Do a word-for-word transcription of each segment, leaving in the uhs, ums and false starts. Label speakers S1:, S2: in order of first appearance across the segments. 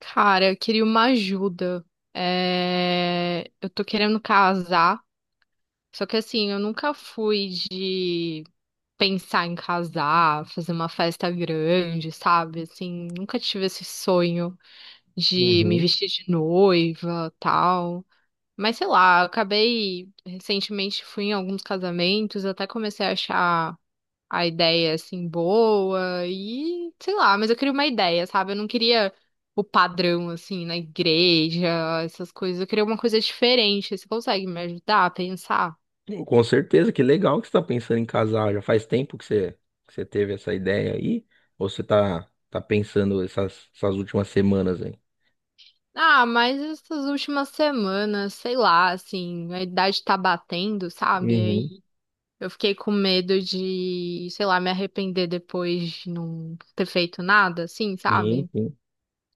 S1: Cara, eu queria uma ajuda. É, eu tô querendo casar, só que assim, eu nunca fui de pensar em casar, fazer uma festa grande, sabe? Assim, nunca tive esse sonho de me
S2: Uhum.
S1: vestir de noiva, tal. Mas sei lá, eu acabei recentemente fui em alguns casamentos, eu até comecei a achar a ideia assim boa e sei lá, mas eu queria uma ideia, sabe? Eu não queria o padrão assim na igreja, essas coisas. Eu queria uma coisa diferente. Você consegue me ajudar a pensar?
S2: Com certeza, que legal que você está pensando em casar. Já faz tempo que você, que você teve essa ideia aí? Ou você tá, tá pensando essas, essas últimas semanas aí?
S1: Ah, mas essas últimas semanas, sei lá, assim, a idade tá batendo, sabe?
S2: Uhum.
S1: Aí eu fiquei com medo de, sei lá, me arrepender depois de não ter feito nada, assim,
S2: Sim,
S1: sabe?
S2: sim,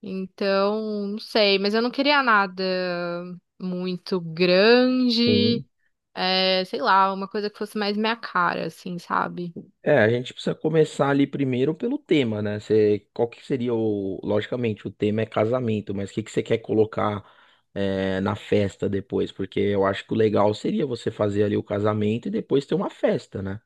S1: Então, não sei, mas eu não queria nada muito
S2: sim.
S1: grande. É, sei lá, uma coisa que fosse mais minha cara, assim, sabe?
S2: É, a gente precisa começar ali primeiro pelo tema, né? Você, qual que seria o. Logicamente, o tema é casamento, mas o que que você quer colocar é, na festa depois? Porque eu acho que o legal seria você fazer ali o casamento e depois ter uma festa, né?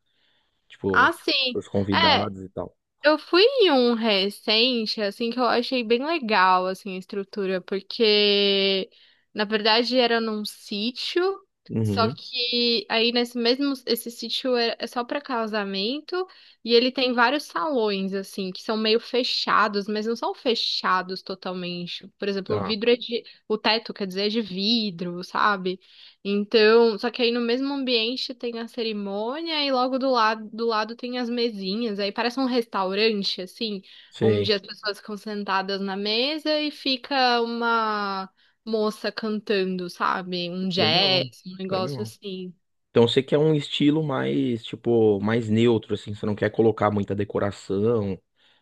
S2: Tipo,
S1: Ah, sim.
S2: os
S1: É,
S2: convidados e tal.
S1: eu fui em um recente, assim, que eu achei bem legal, assim, a estrutura, porque, na verdade, era num sítio, só
S2: Uhum.
S1: que aí nesse mesmo, esse sítio é é só pra casamento, e ele tem vários salões, assim, que são meio fechados, mas não são fechados totalmente. Por exemplo, o
S2: Tá.
S1: vidro é de, o teto, quer dizer, é de vidro, sabe? Então, só que aí no mesmo ambiente tem a cerimônia e logo do lado, do lado tem as mesinhas. Aí parece um restaurante, assim,
S2: Sei.
S1: onde as pessoas ficam sentadas na mesa e fica uma moça cantando, sabe? Um
S2: Legal,
S1: jazz, um negócio
S2: legal.
S1: assim.
S2: Então você quer um estilo mais, tipo, mais neutro, assim, você não quer colocar muita decoração,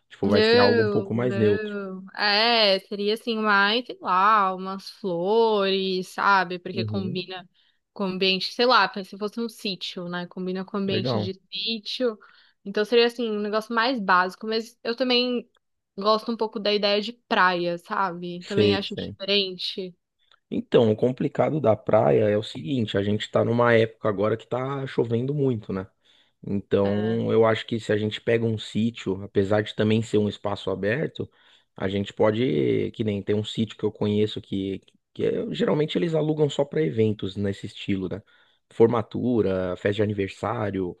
S2: tipo, vai ser algo um
S1: Não,
S2: pouco mais neutro.
S1: não. É, seria assim, mais, sei lá, umas flores, sabe? Porque
S2: Uhum.
S1: combina com o ambiente, sei lá, se fosse um sítio, né? Combina com o ambiente
S2: Legal.
S1: de sítio. Então seria assim, um negócio mais básico, mas eu também gosto um pouco da ideia de praia, sabe? Também
S2: Sei,
S1: acho
S2: sei.
S1: diferente.
S2: Então, o complicado da praia é o seguinte, a gente tá numa época agora que tá chovendo muito, né?
S1: É.
S2: Então, eu acho que se a gente pega um sítio, apesar de também ser um espaço aberto, a gente pode, que nem tem um sítio que eu conheço que, que é- geralmente eles alugam só para eventos nesse estilo, né? Formatura, festa de aniversário,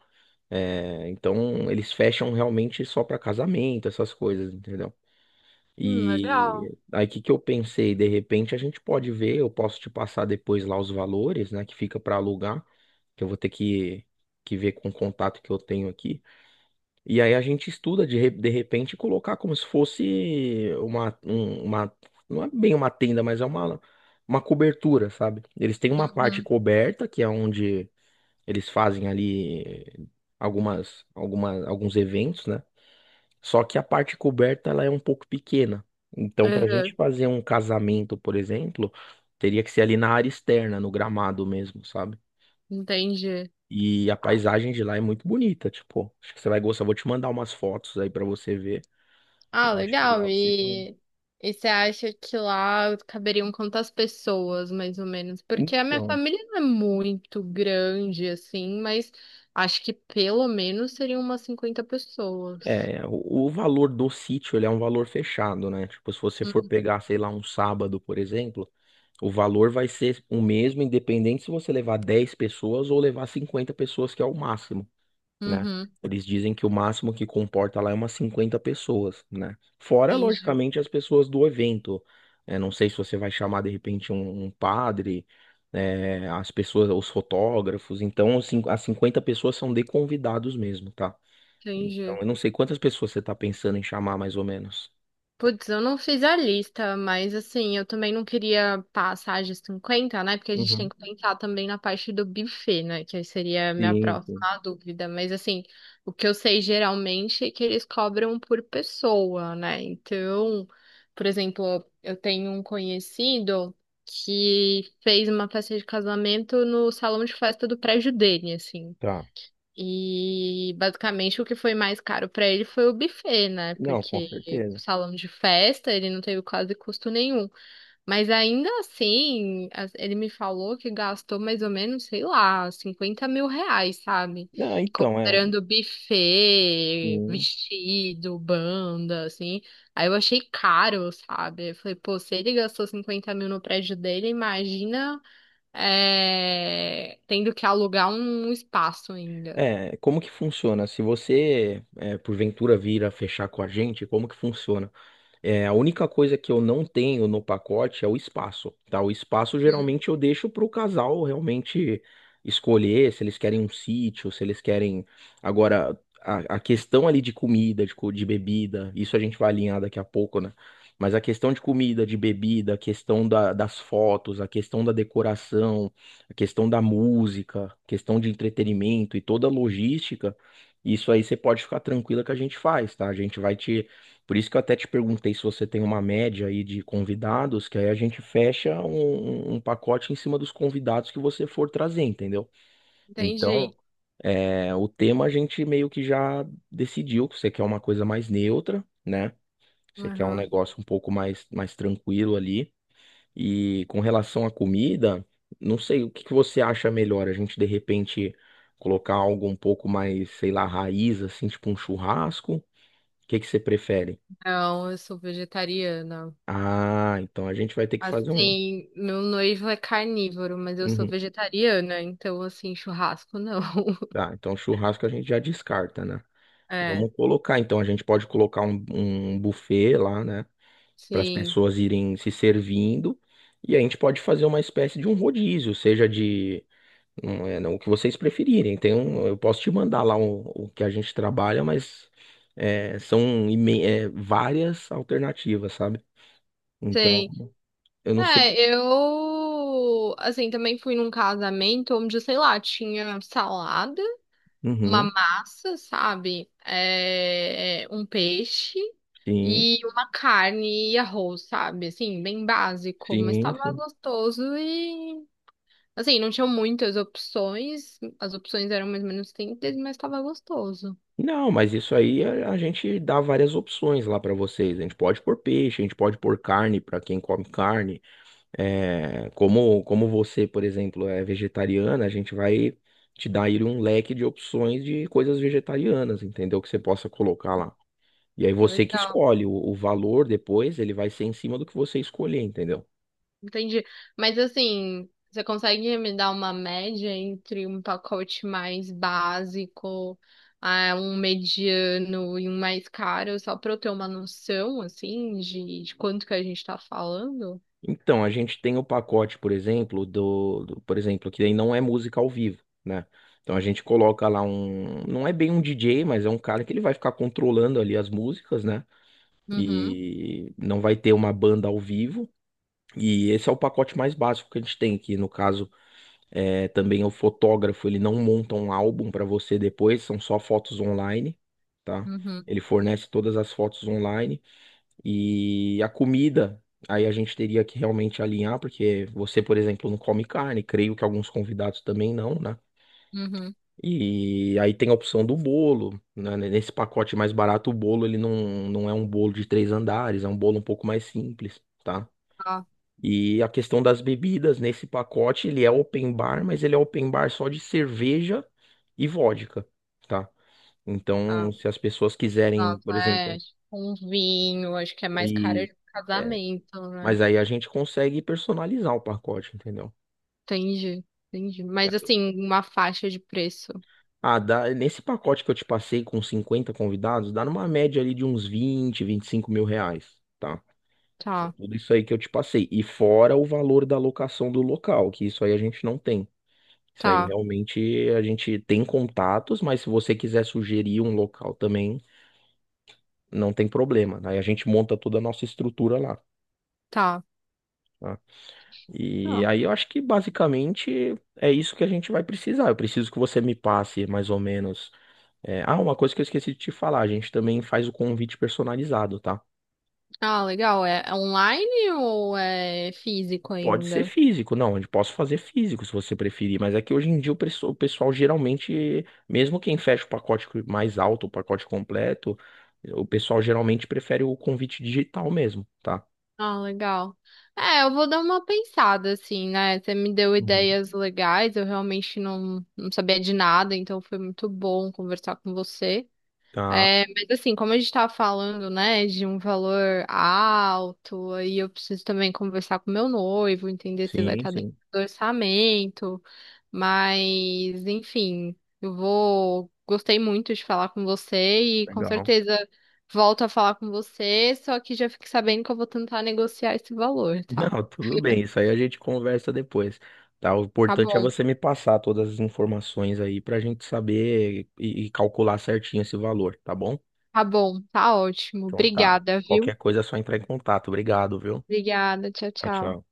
S2: é, então eles fecham realmente só para casamento, essas coisas, entendeu?
S1: Hum, legal.
S2: E aí, o que que eu pensei? De repente, a gente pode ver, eu posso te passar depois lá os valores, né, que fica para alugar, que eu vou ter que, que ver com o contato que eu tenho aqui. E aí a gente estuda de, re- de repente colocar como se fosse uma, um- uma, não é bem uma tenda, mas é uma, uma cobertura, sabe? Eles têm uma parte
S1: Uhum.
S2: coberta, que é onde eles fazem ali algumas, alguma, alguns eventos, né? Só que a parte coberta ela é um pouco pequena. Então, para a gente
S1: Uhum.
S2: fazer um casamento, por exemplo, teria que ser ali na área externa, no gramado mesmo, sabe?
S1: Entendi.
S2: E a paisagem de lá é muito bonita, tipo, acho que você vai gostar. Vou te mandar umas fotos aí para você ver.
S1: Ah,
S2: Eu acho que lá
S1: legal.
S2: você ganha.
S1: E, e você acha que lá caberiam quantas pessoas, mais ou menos? Porque a minha
S2: Então,
S1: família não é muito grande, assim, mas acho que pelo menos seriam umas cinquenta pessoas.
S2: é, o, o valor do sítio, ele é um valor fechado, né? Tipo, se você for
S1: Hum,
S2: pegar, sei lá, um sábado, por exemplo, o valor vai ser o mesmo, independente se você levar dez pessoas ou levar cinquenta pessoas, que é o máximo. Né?
S1: Uhum,
S2: Eles dizem que o máximo que comporta lá é umas cinquenta pessoas, né? Fora,
S1: entendi,
S2: logicamente, as pessoas do evento. É, não sei se você vai chamar de repente um, um padre, é, as pessoas, os fotógrafos. Então, os cin- as cinquenta pessoas são de convidados mesmo, tá? Então,
S1: entendi.
S2: eu não sei quantas pessoas você tá pensando em chamar mais ou menos.
S1: Putz, eu não fiz a lista, mas assim, eu também não queria passar de cinquenta, né? Porque a gente tem
S2: Uhum.
S1: que pensar também na parte do buffet, né? Que aí seria a minha
S2: Sim, sim.
S1: próxima dúvida. Mas assim, o que eu sei geralmente é que eles cobram por pessoa, né? Então, por exemplo, eu tenho um conhecido que fez uma festa de casamento no salão de festa do prédio dele, assim.
S2: Tá.
S1: E basicamente o que foi mais caro para ele foi o buffet, né?
S2: Não, com
S1: Porque
S2: certeza.
S1: salão de festa ele não teve quase custo nenhum. Mas ainda assim, as- ele me falou que gastou mais ou menos, sei lá, cinquenta mil reais, sabe?
S2: Não, então, é,
S1: Comprando buffet,
S2: sim.
S1: vestido, banda, assim. Aí eu achei caro, sabe? Eu falei, pô, se ele gastou cinquenta mil no prédio dele, imagina, é, tendo que alugar um espaço ainda.
S2: É, como que funciona? Se você, é, porventura vir a fechar com a gente, como que funciona? É, a única coisa que eu não tenho no pacote é o espaço, tá? O espaço geralmente eu deixo para o casal realmente escolher se eles querem um sítio, se eles querem. Agora, a, a questão ali de comida, de, co- de bebida, isso a gente vai alinhar daqui a pouco, né? Mas a questão de comida, de bebida, a questão da- das fotos, a questão da decoração, a questão da música, a questão de entretenimento e toda a logística, isso aí você pode ficar tranquila que a gente faz, tá? A gente vai te por isso que eu até te perguntei se você tem uma média aí de convidados, que aí a gente fecha um, um um pacote em cima dos convidados que você for trazer, entendeu? Então,
S1: Entendi.
S2: é, o tema a gente meio que já decidiu que você quer uma coisa mais neutra, né? Você quer um
S1: Uhum.
S2: negócio um pouco mais, mais tranquilo ali. E com relação à comida, não sei o que que você acha melhor, a gente de repente colocar algo um pouco mais, sei lá, raiz, assim, tipo um churrasco. O que que você prefere?
S1: Não, eu sou vegetariana.
S2: Ah, então a gente vai ter que fazer um.
S1: Assim, meu noivo é carnívoro, mas eu sou
S2: Uhum.
S1: vegetariana, então, assim, churrasco não.
S2: Tá, então churrasco a gente já descarta, né?
S1: É,
S2: Vamos colocar, então a gente pode colocar um, um buffet lá, né? Para as
S1: sim,
S2: pessoas irem se servindo. E a gente pode fazer uma espécie de um rodízio, seja de. Não é, não, o que vocês preferirem. Tem um, eu posso te mandar lá o, o que a gente trabalha, mas é, são imen- é, várias alternativas, sabe? Então,
S1: sei.
S2: eu não sei.
S1: É, eu, assim, também fui num casamento onde, sei lá, tinha salada, uma
S2: Uhum,
S1: massa, sabe? É, é, um peixe
S2: sim,
S1: e uma carne e arroz, sabe? Assim, bem básico, mas
S2: sim,
S1: tava
S2: sim.
S1: gostoso. Assim, não tinha muitas opções, as opções eram mais ou menos simples, mas tava gostoso.
S2: Não, mas isso aí a a gente dá várias opções lá para vocês. A gente pode pôr peixe, a gente pode pôr carne para quem come carne. É, como, como você, por exemplo, é vegetariana, a gente vai te dar aí um leque de opções de coisas vegetarianas, entendeu? Que você possa colocar lá. E aí você que
S1: Legal,
S2: escolhe o, o valor depois, ele vai ser em cima do que você escolher, entendeu?
S1: entendi. Mas assim, você consegue me dar uma média entre um pacote mais básico, ah, um mediano e um mais caro, só pra eu ter uma noção, assim, de, de quanto que a gente tá falando?
S2: Então, a gente tem o pacote, por exemplo, do, do- por exemplo, que aí não é música ao vivo, né? Então a gente coloca lá um, não é bem um D J, mas é um cara que ele vai ficar controlando ali as músicas, né?
S1: Uhum,
S2: E não vai ter uma banda ao vivo. E esse é o pacote mais básico que a gente tem, que no caso é também é o fotógrafo, ele não monta um álbum para você depois, são só fotos online, tá?
S1: uhum,
S2: Ele fornece todas as fotos online. E a comida, aí a gente teria que realmente alinhar, porque você, por exemplo, não come carne, creio que alguns convidados também não, né?
S1: uhum.
S2: E aí tem a opção do bolo, né? Nesse pacote mais barato, o bolo ele não, não é um bolo de três andares, é um bolo um pouco mais simples, tá?
S1: Tá,
S2: E a questão das bebidas, nesse pacote ele é open bar, mas ele é open bar só de cerveja e vodka, tá? Então,
S1: tá.
S2: se as pessoas quiserem,
S1: Nossa,
S2: por
S1: é,
S2: exemplo,
S1: tipo um vinho, acho que é mais caro
S2: e
S1: de casamento, né?
S2: mas aí a gente consegue personalizar o pacote, entendeu?
S1: Entendi, entendi. Mas assim, uma faixa de preço.
S2: Ah, dá, nesse pacote que eu te passei com cinquenta convidados, dá numa média ali de uns vinte, vinte e cinco mil reais, tá?
S1: Tá,
S2: Tudo isso aí que eu te passei. E fora o valor da locação do local, que isso aí a gente não tem. Isso aí
S1: tá,
S2: realmente a gente tem contatos, mas se você quiser sugerir um local também, não tem problema. Aí a gente monta toda a nossa estrutura lá.
S1: tá.
S2: Tá? E
S1: Ah,
S2: aí eu acho que basicamente é isso que a gente vai precisar. Eu preciso que você me passe mais ou menos. É, ah, uma coisa que eu esqueci de te falar, a gente também faz o convite personalizado, tá?
S1: ah, legal. É é online ou é físico
S2: Pode ser
S1: ainda?
S2: físico, não, eu posso fazer físico se você preferir, mas é que hoje em dia o pesso- o pessoal geralmente, mesmo quem fecha o pacote mais alto, o pacote completo, o pessoal geralmente prefere o convite digital mesmo, tá?
S1: Ah, legal. É, eu vou dar uma pensada, assim, né? Você me deu
S2: Uhum.
S1: ideias legais, eu realmente não, não sabia de nada, então foi muito bom conversar com você.
S2: Tá,
S1: É, mas assim, como a gente tava falando, né, de um valor alto, aí eu preciso também conversar com meu noivo, entender se vai
S2: sim,
S1: estar dentro
S2: sim.
S1: do orçamento, mas enfim, eu vou, gostei muito de falar com você e com
S2: Legal.
S1: certeza volto a falar com você, só que já fique sabendo que eu vou tentar negociar esse valor, tá?
S2: Não, tudo bem, isso aí a gente conversa depois, tá? O
S1: Tá
S2: importante é
S1: bom,
S2: você me passar todas as informações aí pra gente saber e, e calcular certinho esse valor, tá bom?
S1: tá bom, tá ótimo.
S2: Então tá.
S1: Obrigada,
S2: Qualquer
S1: viu?
S2: coisa é só entrar em contato. Obrigado, viu?
S1: Obrigada, tchau,
S2: Tchau,
S1: tchau.
S2: tchau.